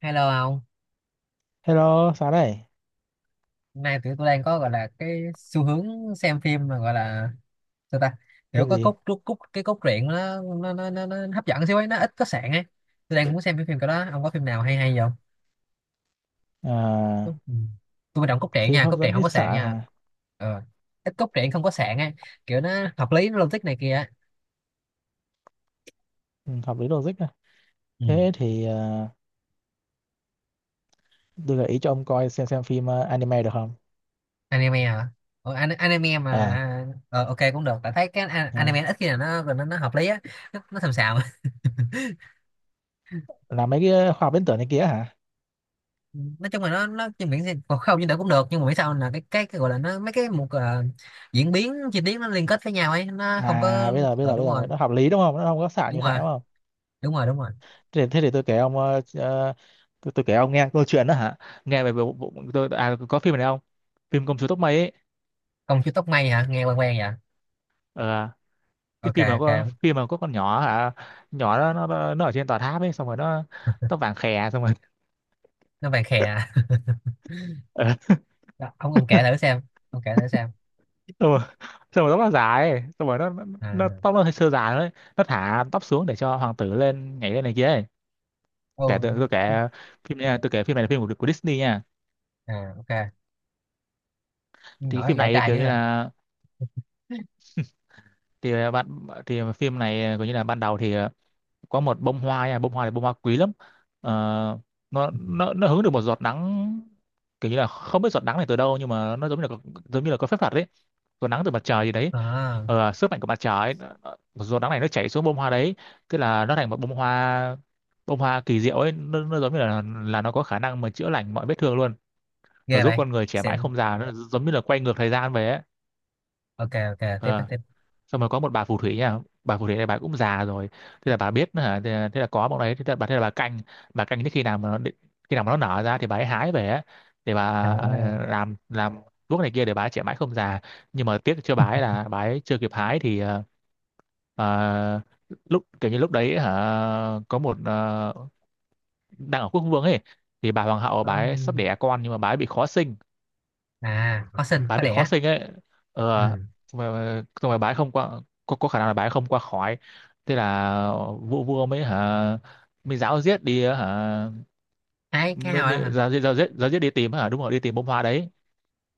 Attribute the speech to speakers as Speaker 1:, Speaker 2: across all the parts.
Speaker 1: Hello ông,
Speaker 2: Hello, sáng này,
Speaker 1: hôm nay tụi tôi đang có gọi là cái xu hướng xem phim mà gọi là sao ta, kiểu
Speaker 2: phim
Speaker 1: có
Speaker 2: gì?
Speaker 1: cốt cốt, cốt cái cốt truyện nó hấp dẫn xíu ấy, nó ít có sạn ấy. Tôi đang muốn xem cái phim cái đó, ông có phim nào hay hay không? Tôi,
Speaker 2: À,
Speaker 1: ừ. Tôi quan trọng cốt truyện
Speaker 2: phim
Speaker 1: nha,
Speaker 2: hấp
Speaker 1: cốt truyện
Speaker 2: dẫn
Speaker 1: không
Speaker 2: ít
Speaker 1: có
Speaker 2: xạ
Speaker 1: sạn nha.
Speaker 2: hả?
Speaker 1: Ờ, ít cốt truyện không có sạn ấy, kiểu nó hợp lý, nó logic này kia ấy.
Speaker 2: Ừ, hợp lý logic à.
Speaker 1: Ừ.
Speaker 2: Thế thì tôi gợi ý cho ông coi xem phim anime được không?
Speaker 1: Anime hả? Anime mà,
Speaker 2: À,
Speaker 1: ok cũng được, tại thấy cái
Speaker 2: à,
Speaker 1: anime ít khi nào nó hợp lý á. Nó xàm xàm.
Speaker 2: là mấy cái khoa học viễn tưởng này kia hả?
Speaker 1: Nói chung là nó trên biển thì còn không, như đỡ cũng được, nhưng mà biết sao là cái gọi là nó mấy cái một, diễn biến chi tiết nó liên kết với nhau ấy, nó không
Speaker 2: À,
Speaker 1: có.
Speaker 2: bây giờ bây giờ bây
Speaker 1: Đúng
Speaker 2: giờ
Speaker 1: rồi,
Speaker 2: nó hợp lý đúng không? Nó không có xạ
Speaker 1: đúng
Speaker 2: nhiều xạ
Speaker 1: rồi,
Speaker 2: đúng không?
Speaker 1: đúng rồi, đúng rồi.
Speaker 2: Thế thì tôi kể ông, tôi kể ông nghe câu chuyện đó hả? Nghe về bộ, bộ, tôi có phim này không? Phim Công chúa tóc mây ấy.
Speaker 1: Công chúa tóc mây hả, nghe quen quen vậy.
Speaker 2: Ờ, cái
Speaker 1: Ok ok.
Speaker 2: phim mà có con nhỏ hả? Nhỏ nó ở trên tòa tháp ấy, xong rồi nó tóc vàng khè xong rồi
Speaker 1: Nó vàng khè à. Đó, ông kể thử xem, ông kể thử xem.
Speaker 2: xong rồi, xong rồi tóc nó dài ấy. Xong rồi nó
Speaker 1: À.
Speaker 2: tóc nó hơi sơ dài đấy, nó thả tóc xuống để cho hoàng tử lên nhảy lên này kia ấy. Kể tôi,
Speaker 1: Ô.
Speaker 2: tôi kể phim này, tôi kể phim này là phim của Disney nha.
Speaker 1: À, ok. Con
Speaker 2: Thì cái
Speaker 1: nhỏ này
Speaker 2: phim
Speaker 1: dạy
Speaker 2: này
Speaker 1: trai
Speaker 2: kiểu
Speaker 1: dữ
Speaker 2: như
Speaker 1: à.
Speaker 2: là thì bạn thì phim này kiểu như là ban đầu thì, có một bông hoa nha, bông hoa này bông hoa quý lắm. Ờ, nó
Speaker 1: Ừ.
Speaker 2: nó nó hứng được một giọt nắng, kiểu như là không biết giọt nắng này từ đâu nhưng mà nó giống như là giống như là có phép thuật đấy, giọt nắng từ mặt trời gì đấy.
Speaker 1: À,
Speaker 2: Sức mạnh của mặt trời ấy, giọt nắng này nó chảy xuống bông hoa đấy, tức là nó thành một bông hoa, bông hoa kỳ diệu ấy, nó giống như là nó có khả năng mà chữa lành mọi vết thương luôn. Nó
Speaker 1: ghê
Speaker 2: giúp
Speaker 1: vậy.
Speaker 2: con người trẻ mãi
Speaker 1: Xịn.
Speaker 2: không già, nó giống như là quay ngược thời gian về ấy.
Speaker 1: Ok ok, tiếp
Speaker 2: Ờ,
Speaker 1: tiếp.
Speaker 2: xong rồi có một bà phù thủy nha, bà phù thủy này bà cũng già rồi. Thế là bà biết hả, thế là có bọn đấy, thế là bà canh, bà canh đến khi nào mà khi nào mà nó nở ra thì bà ấy hái về á, để bà,
Speaker 1: À,
Speaker 2: làm thuốc này kia để bà ấy trẻ mãi không già. Nhưng mà tiếc cho bà ấy là bà ấy chưa kịp hái thì, ờ, lúc kiểu như lúc đấy hả, có một, đang ở quốc vương ấy, thì bà hoàng hậu bà ấy sắp
Speaker 1: có-,
Speaker 2: đẻ con nhưng mà bà ấy bị khó sinh,
Speaker 1: à, có sinh
Speaker 2: bái
Speaker 1: có
Speaker 2: bị khó
Speaker 1: đẻ.
Speaker 2: sinh ấy. ờ
Speaker 1: Ừ,
Speaker 2: Xong rồi bái không qua, có khả năng là bái không qua khỏi. Thế là vua vua mới hả, mới giáo giết đi hả,
Speaker 1: hai cái
Speaker 2: mới,
Speaker 1: nào đó
Speaker 2: mới
Speaker 1: hả.
Speaker 2: giáo giết đi tìm hả, đúng rồi đi tìm bông hoa đấy.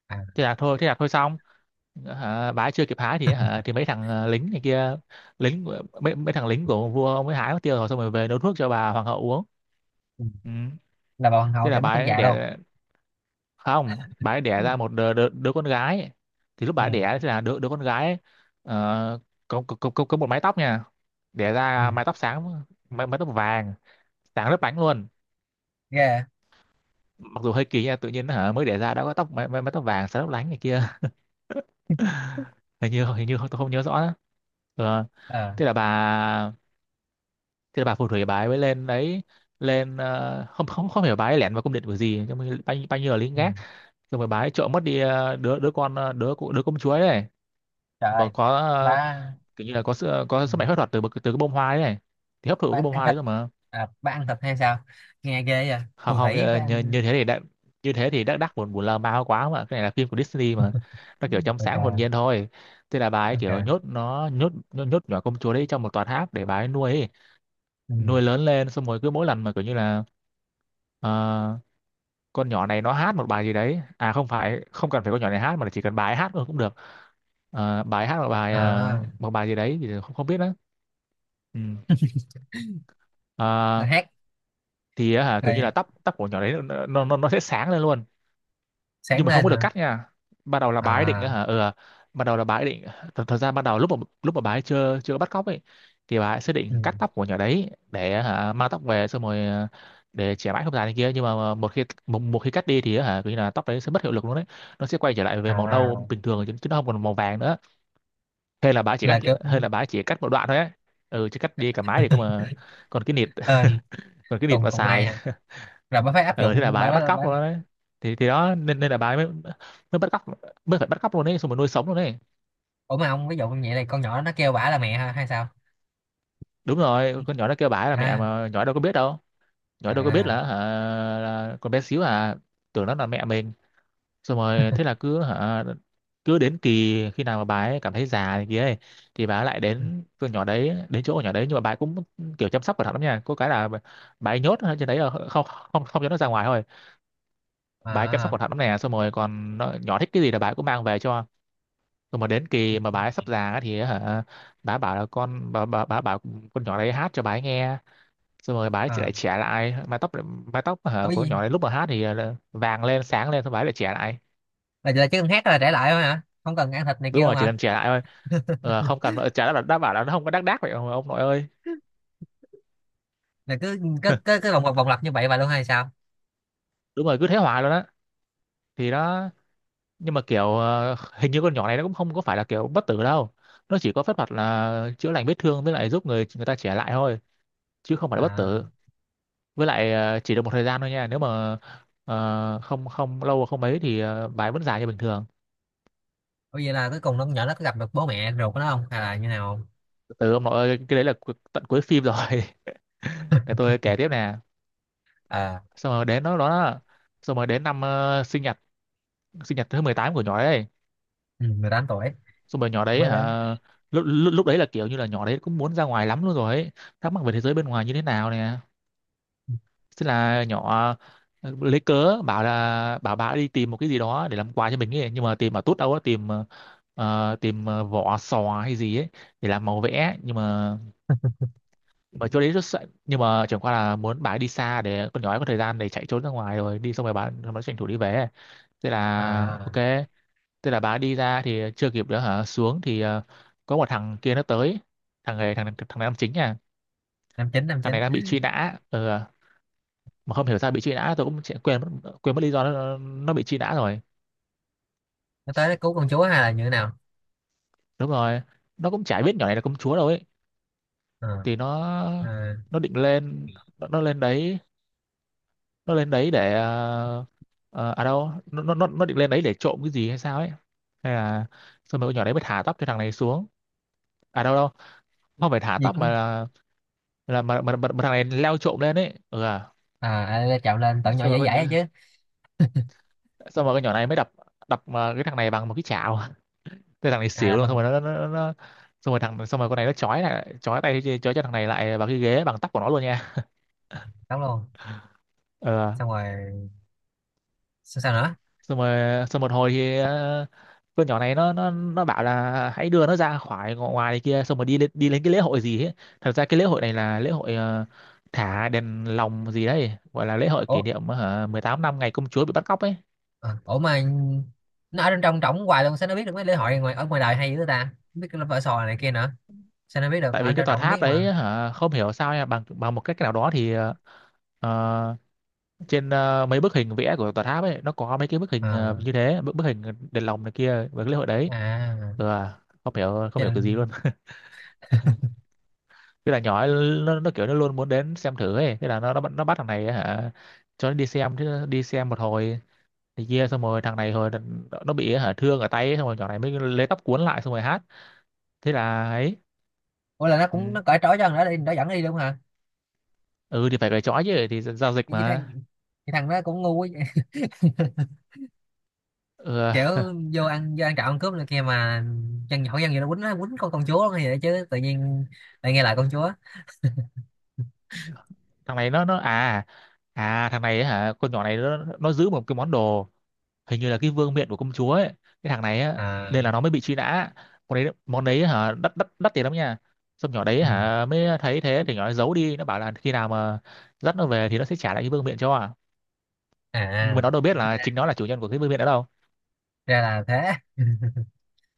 Speaker 1: À.
Speaker 2: Thế là thôi xong hả, bái chưa kịp hái thì hả thì mấy thằng, lính này kia, mấy mấy thằng lính của vua ông ấy hái mất tiêu rồi, xong rồi về nấu thuốc cho bà hoàng hậu uống.
Speaker 1: Ừ.
Speaker 2: Ừ.
Speaker 1: Là bà hoàng hậu
Speaker 2: Thế là
Speaker 1: trẻ mắt không
Speaker 2: bái
Speaker 1: già đâu.
Speaker 2: đẻ, không bà ấy
Speaker 1: Ừ.
Speaker 2: đẻ ra một đứa con gái ấy. Thì lúc bà ấy đẻ thì là đứa đứa con gái ấy, ờ, có một mái tóc nha, đẻ
Speaker 1: Ừ,
Speaker 2: ra mái tóc sáng, mái tóc vàng sáng lấp lánh luôn.
Speaker 1: ghê.
Speaker 2: Mặc dù hơi kỳ nha, tự nhiên hả mới đẻ ra đã có tóc mái tóc vàng sáng lấp lánh này kia. Hình như tôi không nhớ rõ nữa. Ờ,
Speaker 1: Ờ.
Speaker 2: thế là bà thế là bà phù thủy bà ấy mới lên đấy, lên, không không không hiểu bà ấy lẻn vào cung điện của gì nhưng mà bao nhiêu là lính
Speaker 1: Ừ.
Speaker 2: gác, xong rồi bà ấy trộm mất đi, đứa đứa con, đứa đứa công chúa ấy,
Speaker 1: Trời
Speaker 2: mà
Speaker 1: ơi.
Speaker 2: có,
Speaker 1: Bà.
Speaker 2: kiểu như là có sự có
Speaker 1: Ừ.
Speaker 2: sức mạnh phép thuật từ từ cái bông hoa đấy này, thì hấp thụ
Speaker 1: Bà
Speaker 2: cái bông
Speaker 1: ăn
Speaker 2: hoa đấy
Speaker 1: thịt.
Speaker 2: rồi mà.
Speaker 1: À, bà ăn thịt hay sao, nghe ghê vậy,
Speaker 2: Không
Speaker 1: phù
Speaker 2: không
Speaker 1: thủy phải ăn.
Speaker 2: như thế thì đã, như thế thì đắc đắc buồn buồn lơ ma quá mà, cái này là phim của Disney mà, nó kiểu trong
Speaker 1: Bà
Speaker 2: sáng
Speaker 1: cờ.
Speaker 2: hồn nhiên thôi. Thế là bà ấy
Speaker 1: Bà
Speaker 2: kiểu
Speaker 1: cờ.
Speaker 2: nhốt nó, nhốt nhốt, nhốt nhỏ công chúa đấy trong một tòa tháp để bà ấy nuôi ấy.
Speaker 1: Ừ.
Speaker 2: Nuôi lớn lên xong rồi cứ mỗi lần mà kiểu như là, ờ, con nhỏ này nó hát một bài gì đấy, à không phải, không cần phải con nhỏ này hát mà chỉ cần bà ấy hát thôi cũng được. Ờ, bà ấy hát một bài,
Speaker 1: À,
Speaker 2: một bài gì đấy thì không không biết đó. Ừ.
Speaker 1: là
Speaker 2: Ờ,
Speaker 1: hát.
Speaker 2: thì á hả kiểu như
Speaker 1: Rồi.
Speaker 2: là tóc tóc của nhỏ đấy nó sẽ sáng lên luôn.
Speaker 1: Sáng
Speaker 2: Nhưng mà không
Speaker 1: lên
Speaker 2: có được
Speaker 1: nữa.
Speaker 2: cắt nha. Ban đầu là bà ấy định á
Speaker 1: À.
Speaker 2: hả, ban đầu là bà ấy định, thật, thật ra ban đầu lúc mà, lúc mà bà ấy chưa chưa có bắt cóc ấy thì bà ấy sẽ
Speaker 1: Ừ.
Speaker 2: định cắt tóc của nhỏ đấy, để á hả mang tóc về, xong rồi, để trẻ mãi không già này kia. Nhưng mà một khi một khi cắt đi thì á hả kiểu như là tóc đấy sẽ mất hiệu lực luôn đấy, nó sẽ quay trở lại về màu nâu
Speaker 1: À,
Speaker 2: bình thường, chứ nó không còn màu vàng nữa. Hay là bà ấy chỉ cắt,
Speaker 1: là kiểu.
Speaker 2: hay là bà ấy chỉ cắt một đoạn thôi ấy. Ừ, chứ cắt đi cả mái thì cơ mà còn cái nịt
Speaker 1: Ờ,
Speaker 2: còn cái nịt
Speaker 1: cùng
Speaker 2: mà
Speaker 1: cùng may
Speaker 2: xài.
Speaker 1: à. Rồi bà phải áp
Speaker 2: Ờ Thế là
Speaker 1: dụng
Speaker 2: bà
Speaker 1: bà,
Speaker 2: ấy bắt
Speaker 1: bà, bà.
Speaker 2: cóc luôn đấy, thì đó, nên nên là bà ấy mới, mới bắt cóc, mới phải bắt cóc luôn đấy, xong rồi nuôi sống luôn đấy.
Speaker 1: Ủa mà ông, ví dụ như vậy, này, con nhỏ nó kêu bả là mẹ ha hay sao?
Speaker 2: Đúng rồi, con nhỏ nó kêu bà ấy là mẹ
Speaker 1: À.
Speaker 2: mà nhỏ đâu có biết đâu, nhỏ đâu có biết
Speaker 1: À.
Speaker 2: là, hả, là con bé xíu à, tưởng nó là mẹ mình. Xong rồi thế là cứ hả, cứ đến kỳ khi nào mà bà ấy cảm thấy già này kia ấy, thì bà ấy lại đến con nhỏ đấy đến chỗ con nhỏ đấy, nhưng mà bà ấy cũng kiểu chăm sóc cẩn thận lắm nha, có cái là bà ấy nhốt ở trên đấy, là không không không cho nó ra ngoài thôi. Bà ấy chăm sóc
Speaker 1: À.
Speaker 2: cẩn thận lắm nè, xong rồi còn nó, nhỏ thích cái gì là bà ấy cũng mang về cho. Rồi mà đến kỳ mà bà ấy sắp già á thì hả, bà ấy bảo là con, bà bảo con nhỏ đấy hát cho bà ấy nghe, xong rồi bà ấy
Speaker 1: Ờ.
Speaker 2: lại trẻ lại. Mái tóc, mái tóc hả
Speaker 1: À.
Speaker 2: của con nhỏ đấy lúc mà hát thì, là vàng lên sáng lên, xong bà ấy lại trẻ lại.
Speaker 1: Là chỉ cần hát là trả lại thôi hả, không cần ăn thịt này
Speaker 2: Đúng
Speaker 1: kia
Speaker 2: rồi
Speaker 1: luôn
Speaker 2: chỉ
Speaker 1: hả?
Speaker 2: cần trẻ lại thôi. Ờ, không cần trả lời, đã bảo là nó không có đắc đác vậy ông nội ơi.
Speaker 1: Là cứ cứ cứ, cứ vòng lặp như vậy vậy luôn hay sao?
Speaker 2: Đúng rồi, cứ thế hoài luôn á, thì đó. Nhưng mà kiểu, hình như con nhỏ này nó cũng không có phải là kiểu bất tử đâu. Nó chỉ có phép thuật là chữa lành vết thương với lại giúp người người ta trẻ lại thôi, chứ không phải là bất tử.
Speaker 1: À.
Speaker 2: Với lại, chỉ được một thời gian thôi nha, nếu mà, không không lâu và không mấy thì, bài vẫn dài như bình thường.
Speaker 1: Ủa, vậy là cuối cùng nó, con nhỏ nó có gặp được bố mẹ ruột của nó không, hay là như nào không?
Speaker 2: Từ ông nội ơi, cái đấy là tận cuối phim rồi. Để tôi kể tiếp nè.
Speaker 1: À.
Speaker 2: Xong rồi đến đó đó, xong rồi đến năm, sinh nhật, sinh nhật thứ 18 của nhỏ đấy.
Speaker 1: Ừ, 18 tuổi,
Speaker 2: Xong rồi nhỏ đấy
Speaker 1: mới lớn.
Speaker 2: hả, lúc, lúc lúc đấy là kiểu như là nhỏ đấy cũng muốn ra ngoài lắm luôn rồi ấy, thắc mắc về thế giới bên ngoài như thế nào nè. Thế là nhỏ, lấy cớ bảo là bảo bà đi tìm một cái gì đó để làm quà cho mình ấy, nhưng mà tìm mà tốt đâu á, tìm, tìm, vỏ sò hay gì ấy để làm màu vẽ. Nhưng mà chỗ đấy rất sợ, nhưng mà chẳng qua là muốn bà ấy đi xa để con nhỏ ấy có thời gian để chạy trốn ra ngoài rồi đi, xong rồi bà nó tranh thủ đi về. Thế là
Speaker 1: À,
Speaker 2: ok. Thế là bà ấy đi ra thì chưa kịp nữa hả, xuống thì, có một thằng kia nó tới. Thằng này thằng thằng này làm chính nha.
Speaker 1: năm chín năm
Speaker 2: Thằng
Speaker 1: chín.
Speaker 2: này đang bị truy nã. Ừ. À. Mà không hiểu sao bị truy nã tôi cũng quên mất lý do nó bị truy nã rồi.
Speaker 1: Nó tới nó cứu con chúa hay là như thế nào?
Speaker 2: Đúng rồi, nó cũng chả biết nhỏ này là công chúa đâu ấy.
Speaker 1: À.
Speaker 2: Thì
Speaker 1: À.
Speaker 2: nó định lên, nó lên đấy, nó lên đấy để ờ, ờ, à đâu nó định lên đấy để trộm cái gì hay sao ấy, hay là xong rồi con nhỏ đấy mới thả tóc cho thằng này xuống. À đâu đâu, không phải thả
Speaker 1: Gì
Speaker 2: tóc mà
Speaker 1: cũng.
Speaker 2: là mà thằng này leo trộm lên ấy, ừ à.
Speaker 1: À. À, chạm lên tận nhỏ
Speaker 2: Xong rồi
Speaker 1: dễ dãi ấy chứ.
Speaker 2: xong rồi con nhỏ này mới đập, đập cái thằng này bằng một cái chảo. Thế thằng này
Speaker 1: À,
Speaker 2: xỉu
Speaker 1: là
Speaker 2: luôn, xong
Speaker 1: bằng
Speaker 2: rồi nó xong rồi xong rồi con này nó chói lại, chói tay, chói cho thằng này lại vào cái ghế bằng tóc của nó luôn nha.
Speaker 1: tóc luôn.
Speaker 2: Ờ,
Speaker 1: Xong rồi sao, sao nữa?
Speaker 2: xong rồi xong một hồi thì con nhỏ này nó bảo là hãy đưa nó ra khỏi ngõ ngoài này kia, xong rồi đi lên cái lễ hội gì ấy. Thật ra cái lễ hội này là lễ hội thả đèn lồng gì đấy, gọi là lễ hội
Speaker 1: Ủa.
Speaker 2: kỷ niệm hả 18 năm ngày công chúa bị bắt cóc ấy.
Speaker 1: À, ủa mà nó ở trong trong trỏng hoài luôn, sao nó biết được mấy lễ hội ngoài ở ngoài đời hay dữ ta, biết cái vở sò này kia nữa, sao nó biết được?
Speaker 2: Tại
Speaker 1: Ờ,
Speaker 2: vì
Speaker 1: anh
Speaker 2: cái
Speaker 1: Trọng
Speaker 2: tòa
Speaker 1: Trọng không
Speaker 2: tháp
Speaker 1: biết mà.
Speaker 2: đấy hả, không hiểu sao nha, bằng bằng một cách nào đó thì ờ, trên mấy bức hình vẽ của tòa tháp ấy, nó có mấy cái bức hình
Speaker 1: À.
Speaker 2: như thế, bức bức hình đèn lồng này kia và cái lễ hội đấy.
Speaker 1: À,
Speaker 2: Ừ, à, không
Speaker 1: cho
Speaker 2: hiểu cái gì luôn.
Speaker 1: nên.
Speaker 2: Cái là nhỏ ấy, nó kiểu nó luôn muốn đến xem thử ấy, thế là nó bắt thằng này ấy, hả, cho nó đi xem. Chứ đi xem một hồi thì kia xong rồi thằng này hồi nó bị hả thương ở tay ấy, xong rồi nhỏ này mới lấy tóc cuốn lại xong rồi hát. Thế là ấy.
Speaker 1: Ủa, là nó
Speaker 2: Ừ,
Speaker 1: cũng nó cởi trói cho thằng đó đi, nó dẫn đi luôn hả?
Speaker 2: ừ thì phải cởi trói chứ, thì giao dịch
Speaker 1: cái thằng
Speaker 2: mà.
Speaker 1: cái thằng đó cũng ngu quá vậy.
Speaker 2: Ừ,
Speaker 1: Kiểu vô ăn trộm ăn cướp này kia mà, dân nhỏ dân gì, nó quýnh con chúa hay vậy chứ, tự nhiên lại nghe lời con chúa.
Speaker 2: thằng này nó à à thằng này ấy hả, con nhỏ này nó giữ một cái món đồ, hình như là cái vương miện của công chúa ấy, cái thằng này á, nên
Speaker 1: À.
Speaker 2: là nó mới bị truy nã. Món đấy hả đắt đắt đắt tiền lắm nha. Xong nhỏ đấy
Speaker 1: Ừ.
Speaker 2: hả mới thấy thế, thì nhỏ ấy giấu đi, nó bảo là khi nào mà dắt nó về thì nó sẽ trả lại cái vương miện cho, à,
Speaker 1: À.
Speaker 2: nhưng mà
Speaker 1: À.
Speaker 2: nó đâu biết là
Speaker 1: ra,
Speaker 2: chính nó là chủ nhân của cái vương miện đó đâu.
Speaker 1: ra là thế.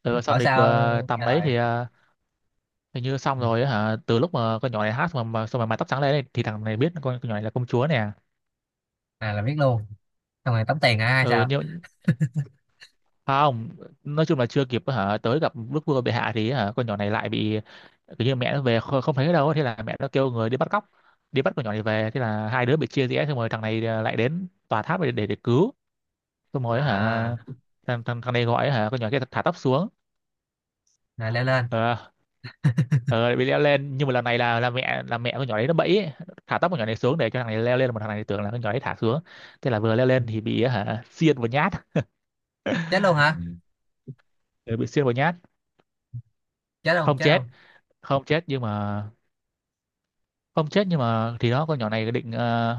Speaker 2: Ừ, xong
Speaker 1: Bảo
Speaker 2: thì
Speaker 1: sao
Speaker 2: tầm
Speaker 1: nghe
Speaker 2: đấy
Speaker 1: lời.
Speaker 2: thì hình như xong rồi á hả, từ lúc mà con nhỏ này hát mà xong rồi mái tóc trắng lên ấy, thì thằng này biết con nhỏ này là công chúa nè.
Speaker 1: À, là biết luôn, xong rồi tống tiền hả hay
Speaker 2: Ừ,
Speaker 1: sao?
Speaker 2: nhưng không, nói chung là chưa kịp hả tới gặp đức vua bệ hạ thì hả con nhỏ này lại bị, kiểu như mẹ nó về không thấy ở đâu, thế là mẹ nó kêu người đi bắt cóc, đi bắt con nhỏ này về, thế là hai đứa bị chia rẽ. Xong rồi thằng này lại đến tòa tháp để để cứu. Xong rồi hả,
Speaker 1: À,
Speaker 2: thằng thằng thằng này gọi hả con nhỏ kia thả tóc xuống.
Speaker 1: rồi leo lên.
Speaker 2: Ờ, ờ bị leo lên, nhưng mà lần này là là mẹ con nhỏ đấy nó bẫy ấy. Thả tóc con nhỏ này xuống để cho thằng này leo lên, mà thằng này tưởng là con nhỏ đấy thả xuống. Thế là vừa leo lên thì bị hả xiên vào nhát.
Speaker 1: Chết luôn. Ừ. Hả,
Speaker 2: Ừ, bị xiên vào nhát.
Speaker 1: chết luôn,
Speaker 2: Không
Speaker 1: chết
Speaker 2: chết,
Speaker 1: luôn.
Speaker 2: không chết nhưng mà, không chết nhưng mà thì đó, con nhỏ này định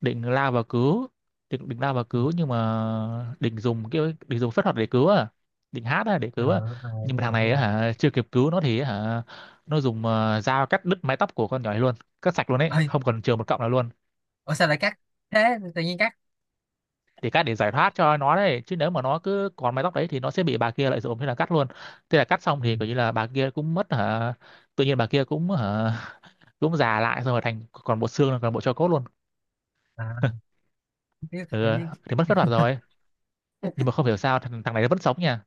Speaker 2: định lao vào cứu, định định lao vào
Speaker 1: Ừ.
Speaker 2: cứu nhưng mà định dùng phép thuật để cứu à, định hát á để
Speaker 1: Ờ.
Speaker 2: cứu à. Nhưng
Speaker 1: Đúng
Speaker 2: mà thằng
Speaker 1: rồi, đúng
Speaker 2: này á
Speaker 1: rồi.
Speaker 2: hả, chưa kịp cứu nó thì á hả nó dùng dao cắt đứt mái tóc của con nhỏ này luôn, cắt sạch luôn ấy,
Speaker 1: Ê,
Speaker 2: không còn chừa một cọng nào luôn.
Speaker 1: ủa sao lại cắt, thế tự nhiên cắt.
Speaker 2: Để cắt để giải thoát cho nó đấy chứ, nếu mà nó cứ còn mái tóc đấy thì nó sẽ bị bà kia lợi dụng, thế là cắt luôn. Thế là cắt xong
Speaker 1: Ừ.
Speaker 2: thì coi như là bà kia cũng mất hả, tự nhiên bà kia cũng hả cũng già lại, xong rồi thành còn bộ xương, còn bộ tro cốt luôn.
Speaker 1: À, biết tự
Speaker 2: Ừ,
Speaker 1: nhiên.
Speaker 2: thì mất phép thuật rồi. Nhưng mà không hiểu sao thằng này nó vẫn sống nha,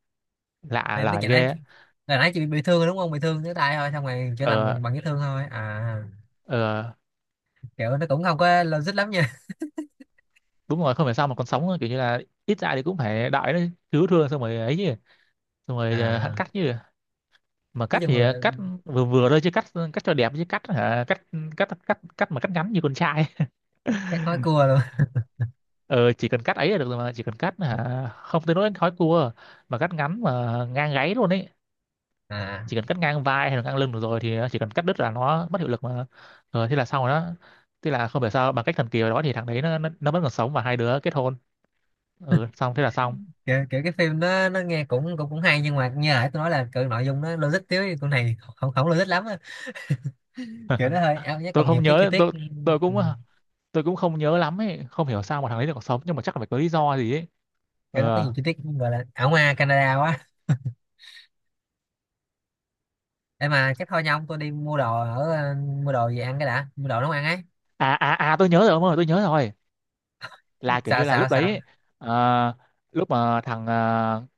Speaker 2: lạ
Speaker 1: Này nó
Speaker 2: lời
Speaker 1: chạy nãy,
Speaker 2: ghê á.
Speaker 1: là nãy chị bị thương rồi đúng không, bị thương cái tay thôi, xong rồi chữa lành
Speaker 2: Ờ,
Speaker 1: bằng bằng vết thương thôi à.
Speaker 2: ờ
Speaker 1: Kiểu nó cũng không có logic lắm nha.
Speaker 2: đúng rồi, không hiểu sao mà còn sống, kiểu như là ít ra thì cũng phải đợi nó cứu thương xong rồi ấy chứ. Xong rồi hắn
Speaker 1: À.
Speaker 2: cắt chứ, mà
Speaker 1: Nói
Speaker 2: cắt
Speaker 1: chung
Speaker 2: thì
Speaker 1: là
Speaker 2: cắt vừa vừa thôi chứ, cắt, cắt cho đẹp chứ, cắt hả cắt cắt cắt cắt mà cắt ngắn như con trai.
Speaker 1: cắt nói cua luôn.
Speaker 2: Ờ chỉ cần cắt ấy là được rồi mà, chỉ cần cắt hả không tới nỗi khói cua, mà cắt ngắn mà ngang gáy luôn ấy.
Speaker 1: À,
Speaker 2: Chỉ cần cắt ngang vai hay là ngang lưng được rồi, thì nó chỉ cần cắt đứt là nó mất hiệu lực mà. Rồi thế là xong rồi đó. Thế là không phải sao, bằng cách thần kỳ nào đó thì thằng đấy nó vẫn còn sống và hai đứa kết hôn. Ừ, xong thế là xong.
Speaker 1: kiểu, kiểu cái phim nó nghe cũng cũng cũng hay, nhưng mà như nãy tôi nói là kiểu nội dung nó logic thiếu, thì con này không, không logic lắm á. Kiểu nó hơi ảo nhé,
Speaker 2: tôi
Speaker 1: còn nhiều
Speaker 2: không
Speaker 1: cái chi
Speaker 2: nhớ
Speaker 1: tiết.
Speaker 2: tôi tôi
Speaker 1: Ừ,
Speaker 2: cũng tôi cũng không nhớ lắm ấy, không hiểu sao mà thằng đấy lại còn sống, nhưng mà chắc là phải có lý do gì ấy.
Speaker 1: kiểu nó có
Speaker 2: Ờ
Speaker 1: nhiều chi tiết gọi là ảo ma Canada quá. Em mà chắc thôi nha ông, tôi đi mua đồ ở, mua đồ về ăn cái đã, mua đồ nấu ăn ấy.
Speaker 2: tôi nhớ rồi, ông ơi tôi nhớ rồi, là kiểu
Speaker 1: Sao
Speaker 2: như là
Speaker 1: sao
Speaker 2: lúc đấy
Speaker 1: sao.
Speaker 2: ấy, ờ, lúc mà thằng ờ,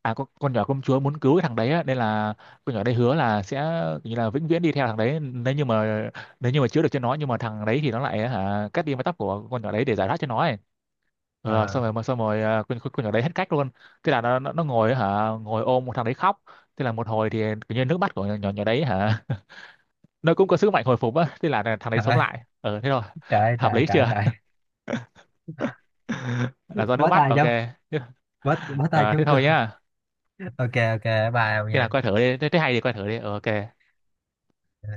Speaker 2: à con nhỏ công chúa muốn cứu cái thằng đấy á, nên là con nhỏ đấy hứa là sẽ kiểu như là vĩnh viễn đi theo thằng đấy nếu như mà, nếu như mà chữa được cho nó, nhưng mà thằng đấy thì nó lại hả cắt đi mái tóc của con nhỏ đấy để giải thoát cho nó ấy. Ờ,
Speaker 1: Ờ.
Speaker 2: xong rồi con nhỏ đấy hết cách luôn. Thế là nó ngồi hả ngồi ôm một thằng đấy khóc. Thế là một hồi thì kiểu như nước mắt của nhỏ nhỏ đấy hả nó cũng có sức mạnh hồi phục á, thế là thằng đấy
Speaker 1: Trời
Speaker 2: sống
Speaker 1: ơi.
Speaker 2: lại. Ờ thế rồi
Speaker 1: Trời ơi,
Speaker 2: hợp
Speaker 1: trời
Speaker 2: lý
Speaker 1: trời
Speaker 2: chưa?
Speaker 1: trời.
Speaker 2: Là do nước
Speaker 1: Bó
Speaker 2: mắt,
Speaker 1: tay chứ.
Speaker 2: ok.
Speaker 1: Bó bó tay
Speaker 2: À, thế
Speaker 1: chống cương.
Speaker 2: thôi nhá.
Speaker 1: Ok ok, bye ông
Speaker 2: Khi nào
Speaker 1: nha.
Speaker 2: coi thử đi, thế hay thì coi thử đi. Ờ, ok.
Speaker 1: Ờ.